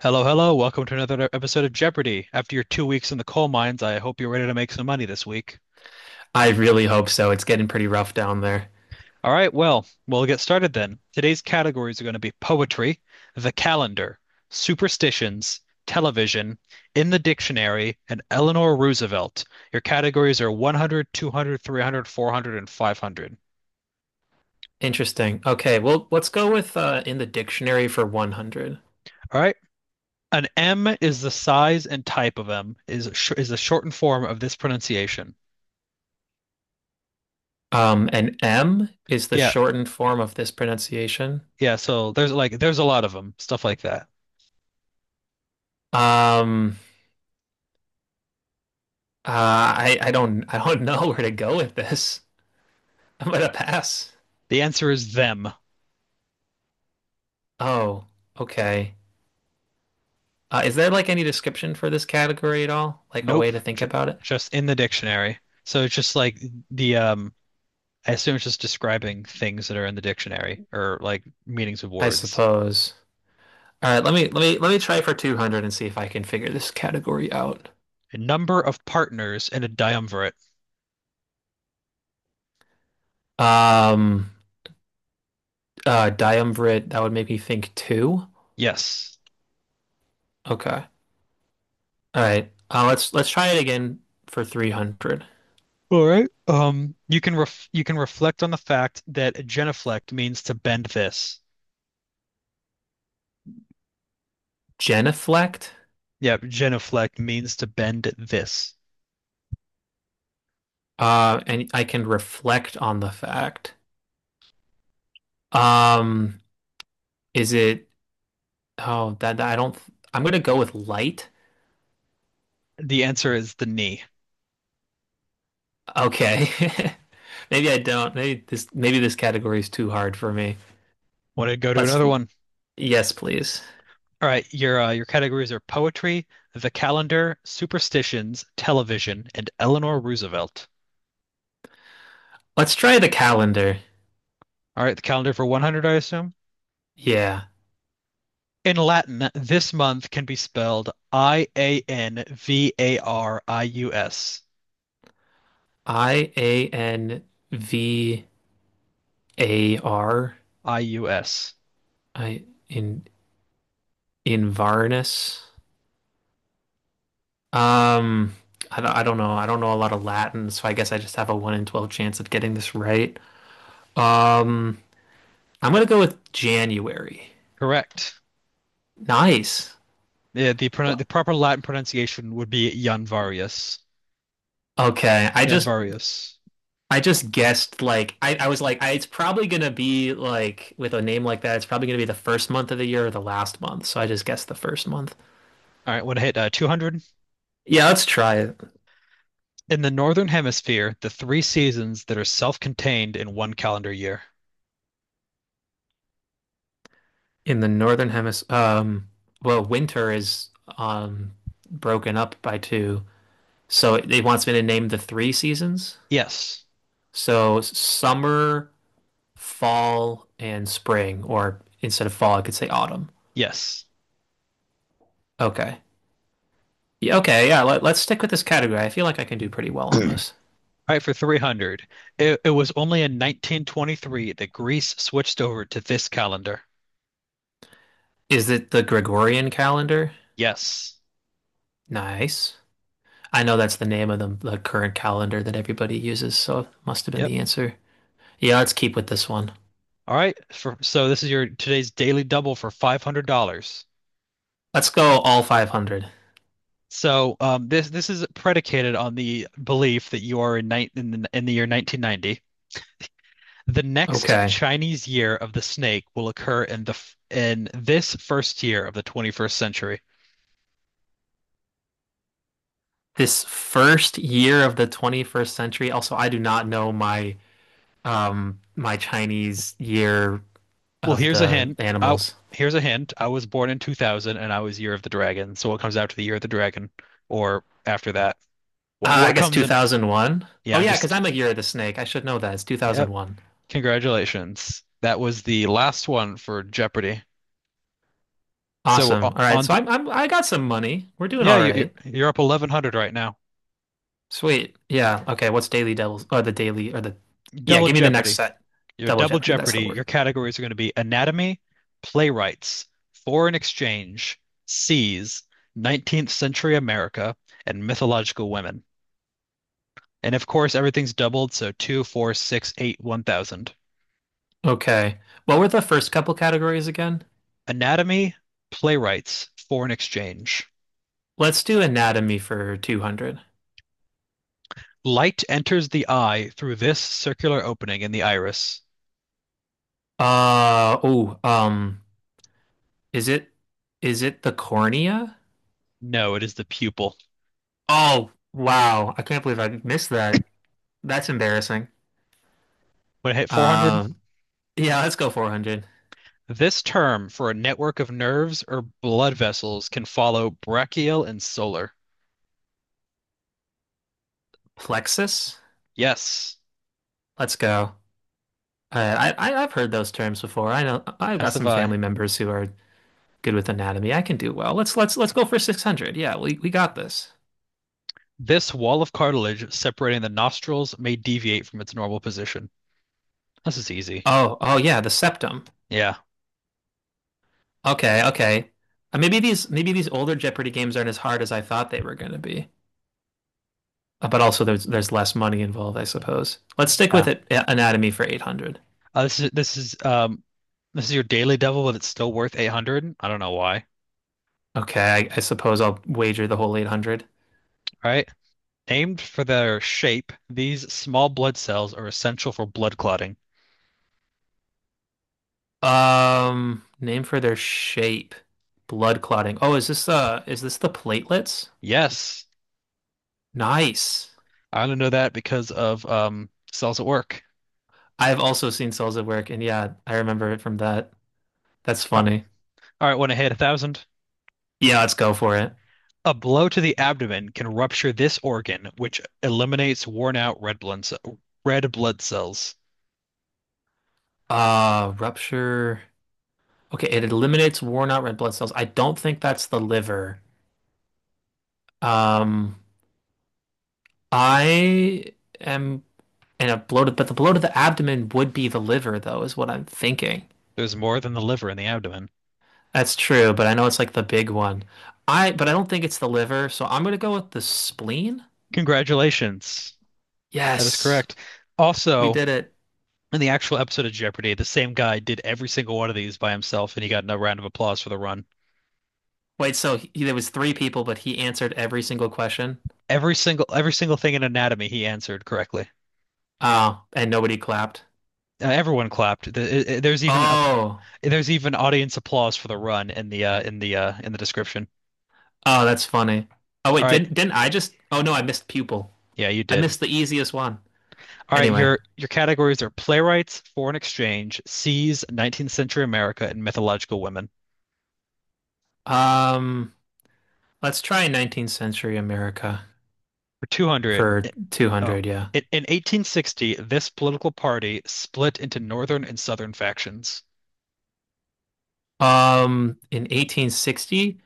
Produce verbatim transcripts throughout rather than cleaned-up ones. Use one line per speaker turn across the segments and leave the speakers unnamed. Hello, hello. Welcome to another episode of Jeopardy! After your two weeks in the coal mines, I hope you're ready to make some money this week.
I really hope so. It's getting pretty rough down there.
All right, well, we'll get started then. Today's categories are going to be poetry, the calendar, superstitions, television, in the dictionary, and Eleanor Roosevelt. Your categories are one hundred, two hundred, three hundred, four hundred, and five hundred.
Interesting. Okay, well, let's go with uh, in the dictionary for one hundred.
All right. An M is the size and type of M is sh is the shortened form of this pronunciation.
Um, and M is the
Yeah.
shortened form of this pronunciation.
Yeah, so there's like there's a lot of them, stuff like that.
Um, uh, I I don't I don't know where to go with this. I'm gonna pass.
The answer is them.
Oh, okay. Uh, is there like any description for this category at all? Like a way
Nope,
to think
j
about it?
just in the dictionary. So it's just like the um I assume it's just describing things that are in the dictionary or like meanings of
I
words.
suppose. All right, let me let me let me try for two hundred and see if I can figure this category out.
A number of partners in a triumvirate.
Um, Uh, Diumvirate, that would make me think two.
Yes.
Okay. All right. Uh, let's let's try it again for three hundred.
All right. Um, you can ref you can reflect on the fact that genuflect means to bend this.
Genuflect.
Yep, genuflect means to bend this.
Uh, and I can reflect on the fact. Um, is it? Oh, that, that I don't. I'm gonna go with light.
The answer is the knee.
Okay. Maybe I don't. Maybe this maybe this category is too hard for me.
Want to go to
Let's
another one?
Yes, please.
All right, your uh, your categories are poetry, the calendar, superstitions, television, and Eleanor Roosevelt.
Let's try the calendar.
All right, the calendar for one hundred, I assume.
Yeah.
In Latin, this month can be spelled I A N V A R I U S.
I A N V A R
I U S.
I in in Varnus. Um, I don't, I don't know. I don't know a lot of Latin, so I guess I just have a one in twelve chance of getting this right. Um, I'm gonna go with January.
Correct.
Nice.
Yeah, the pro the proper Latin pronunciation would be Janvarius.
Okay, I just
Janvarius.
I just guessed, like, I, I was like, I, it's probably gonna be, like, with a name like that, it's probably gonna be the first month of the year or the last month, so I just guessed the first month.
All right, what hit uh, two hundred?
Yeah, let's try it.
In the Northern Hemisphere, the three seasons that are self-contained in one calendar year.
In the northern hemisphere. Um, well, winter is um broken up by two. So it, it wants me to name the three seasons.
Yes.
So summer, fall, and spring, or instead of fall, I could say autumn.
Yes.
Okay. Yeah, okay, yeah, let, let's stick with this category. I feel like I can do pretty well on this.
All right, for three hundred. It, it was only in nineteen twenty-three that Greece switched over to this calendar.
Is it the Gregorian calendar?
Yes.
Nice. I know that's the name of the, the current calendar that everybody uses, so it must have been
Yep.
the answer. Yeah, let's keep with this one.
All right. For, so this is your today's daily double for five hundred dollars.
Let's go all five hundred.
So um, this this is predicated on the belief that you are in, ni in the in the year nineteen ninety. The next
Okay.
Chinese year of the snake will occur in the f- in this first year of the twenty-first century.
This first year of the twenty-first century. Also, I do not know my um my Chinese year
Well,
of
here's a
the
hint. I,
animals.
here's a hint. I was born in two thousand and I was Year of the Dragon. So what comes after the Year of the Dragon or after that? What
Uh, I
what
guess
comes in?
two thousand one. Oh
Yeah, I'm
yeah, because
just
I'm a year of the snake. I should know that. It's
yep.
two thousand one.
Congratulations. That was the last one for Jeopardy. So
Awesome.
o-
All right,
on
so
t-
I'm, I'm I got some money. We're doing
yeah,
all
you
right.
you- you're up eleven hundred right now.
Sweet. Yeah. Okay. What's Daily Devils, or the Daily, or the— Yeah,
Double
give me the next
Jeopardy.
set.
Your
Double
Double
Jeopardy, that's
Jeopardy.
the
Your
word.
categories are going to be anatomy, playwrights, foreign exchange, seas, nineteenth century America, and mythological women. And of course, everything's doubled, so two, four, six, eight, one thousand.
Okay. What were the first couple categories again?
Anatomy, playwrights, foreign exchange.
Let's do anatomy for two hundred.
Light enters the eye through this circular opening in the iris.
Uh oh, um is it is it the cornea?
No, it is the pupil.
Oh, wow. I can't believe I missed that. That's embarrassing.
When I hit four hundred,
Um, yeah, let's go four hundred.
this term for a network of nerves or blood vessels can follow brachial and solar.
Plexus?
Yes,
Let's go. Uh, I, I I've heard those terms before. I know I've
as
got
have
some
I.
family members who are good with anatomy. I can do well. Let's let's let's go for six hundred. Yeah, we we got this.
This wall of cartilage separating the nostrils may deviate from its normal position. This is easy.
Oh, oh yeah, the septum.
Yeah,
Okay, okay. Uh, maybe these maybe these older Jeopardy games aren't as hard as I thought they were going to be. Uh, But also there's there's less money involved, I suppose. Let's stick with
yeah.
it, a- anatomy for eight hundred.
Uh, this is this is um this is your daily devil, but it's still worth eight hundred. I don't know why.
Okay, I, I suppose I'll wager the whole eight hundred.
All right. Named for their shape, these small blood cells are essential for blood clotting.
Um, name for their shape. Blood clotting. Oh, is this uh is this the platelets?
Yes,
Nice.
I only know that because of um cells at work.
I've also seen cells at work, and yeah, I remember it from that. That's
Uh,
funny.
All right, want to hit a thousand.
Yeah, let's go for it.
A blow to the abdomen can rupture this organ, which eliminates worn out red blood ce- red blood cells.
Uh, rupture. Okay, it eliminates worn out red blood cells. I don't think that's the liver. Um, I am, and a bloated, but the bloat of the abdomen would be the liver though, is what I'm thinking.
There's more than the liver in the abdomen.
That's true, but I know it's like the big one. I but I don't think it's the liver, so I'm gonna go with the spleen.
Congratulations. That is
Yes,
correct.
we
Also,
did it.
in the actual episode of Jeopardy, the same guy did every single one of these by himself, and he got a round of applause for the run.
Wait, so he, there was three people, but he answered every single question.
Every single every single thing in anatomy he answered correctly.
Oh, and nobody clapped.
Uh, everyone clapped. The- i- There's even a
Oh,
there's even audience applause for the run in the uh, in the uh, in the description.
oh, that's funny. Oh
All
wait,
right,
didn't didn't I just? Oh no, I missed pupil.
yeah, you
I
did.
missed the easiest one.
All right,
Anyway,
your your categories are playwrights, foreign exchange, seas, nineteenth century America, and mythological women.
um, let's try nineteenth century America
For two hundred,
for
oh,
two hundred. Yeah.
in, in eighteen sixty, this political party split into northern and southern factions.
Um, in eighteen sixty,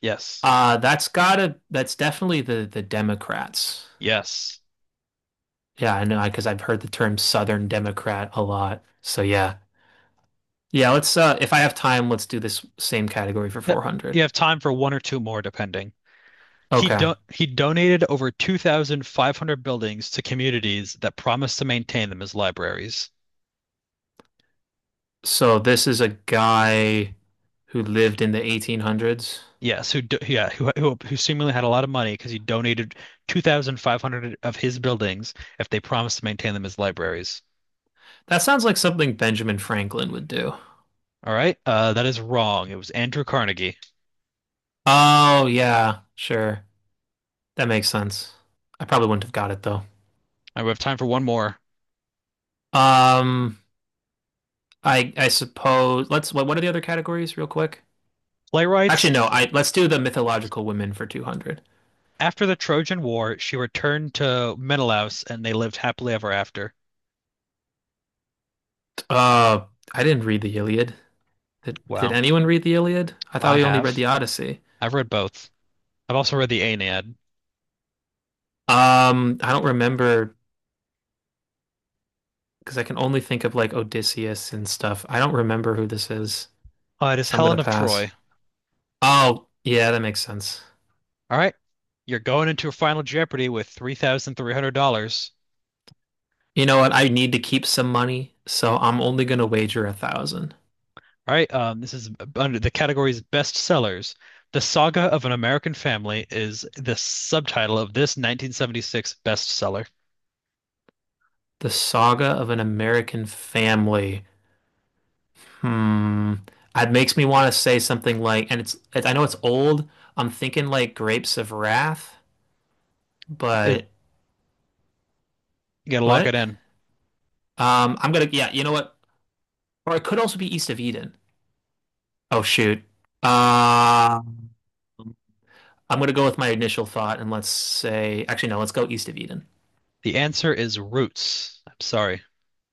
Yes.
Uh, that's gotta, that's definitely the the Democrats.
Yes.
Yeah, I know, because I've heard the term Southern Democrat a lot. So yeah. Yeah, let's uh if I have time, let's do this same category for
Yep.
four hundred.
You have time for one or two more, depending. He
Okay.
do he donated over two thousand five hundred buildings to communities that promised to maintain them as libraries.
So this is a guy who lived in the eighteen hundreds.
Yes, who do, yeah, who, who who seemingly had a lot of money because he donated two thousand five hundred of his buildings if they promised to maintain them as libraries.
That sounds like something Benjamin Franklin would do.
All right, uh, that is wrong. It was Andrew Carnegie.
Oh, yeah, sure. That makes sense. I probably wouldn't have got it though.
I we have time for one more.
Um, I I suppose, let's what what are the other categories real quick? Actually, no.
Playwrights.
I let's do the mythological women for two hundred.
After the Trojan War, she returned to Menelaus and they lived happily ever after.
Uh, I didn't read the Iliad. Did, did
Wow.
anyone read the Iliad? I thought
I
we only read
have.
the Odyssey.
I've read both. I've also read the Aeneid.
Um, I don't remember, because I can only think of like Odysseus and stuff. I don't remember who this is,
Uh, it is
so I'm gonna
Helen of
pass.
Troy.
Oh, yeah, that makes sense.
All right. You're going into a final Jeopardy with three thousand three hundred dollars.
You know what? I need to keep some money, so I'm only gonna wager a thousand.
All right. Um, this is under the category's best sellers. The Saga of an American Family is the subtitle of this nineteen seventy-six bestseller.
The Saga of an American Family. Hmm. It makes me want to say something like, and it's, it, I know it's old. I'm thinking like Grapes of Wrath,
It,
but
you gotta lock it
what?
in.
Um, I'm gonna, yeah, you know what? Or it could also be East of Eden. Oh shoot. Uh, I'm gonna go with my initial thought and let's say, actually no, let's go East of Eden.
The answer is Roots. I'm sorry.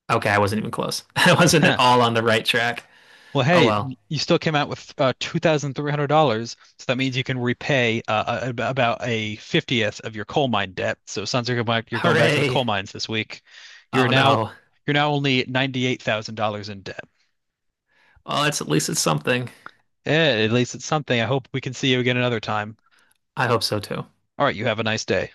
Okay, I wasn't even close. I wasn't at all on the right track.
Well,
Oh
hey,
well.
you still came out with uh, two thousand three hundred dollars so that means you can repay uh, a- about a fiftieth of your coal mine debt. So it sounds like you're going back, you're going back to the
Hooray.
coal mines this week. You're
Oh
now
no.
you're now only ninety-eight thousand dollars in debt.
Well, it's at least it's something.
Eh, at least it's something. I hope we can see you again another time.
I hope so too.
All right, you have a nice day.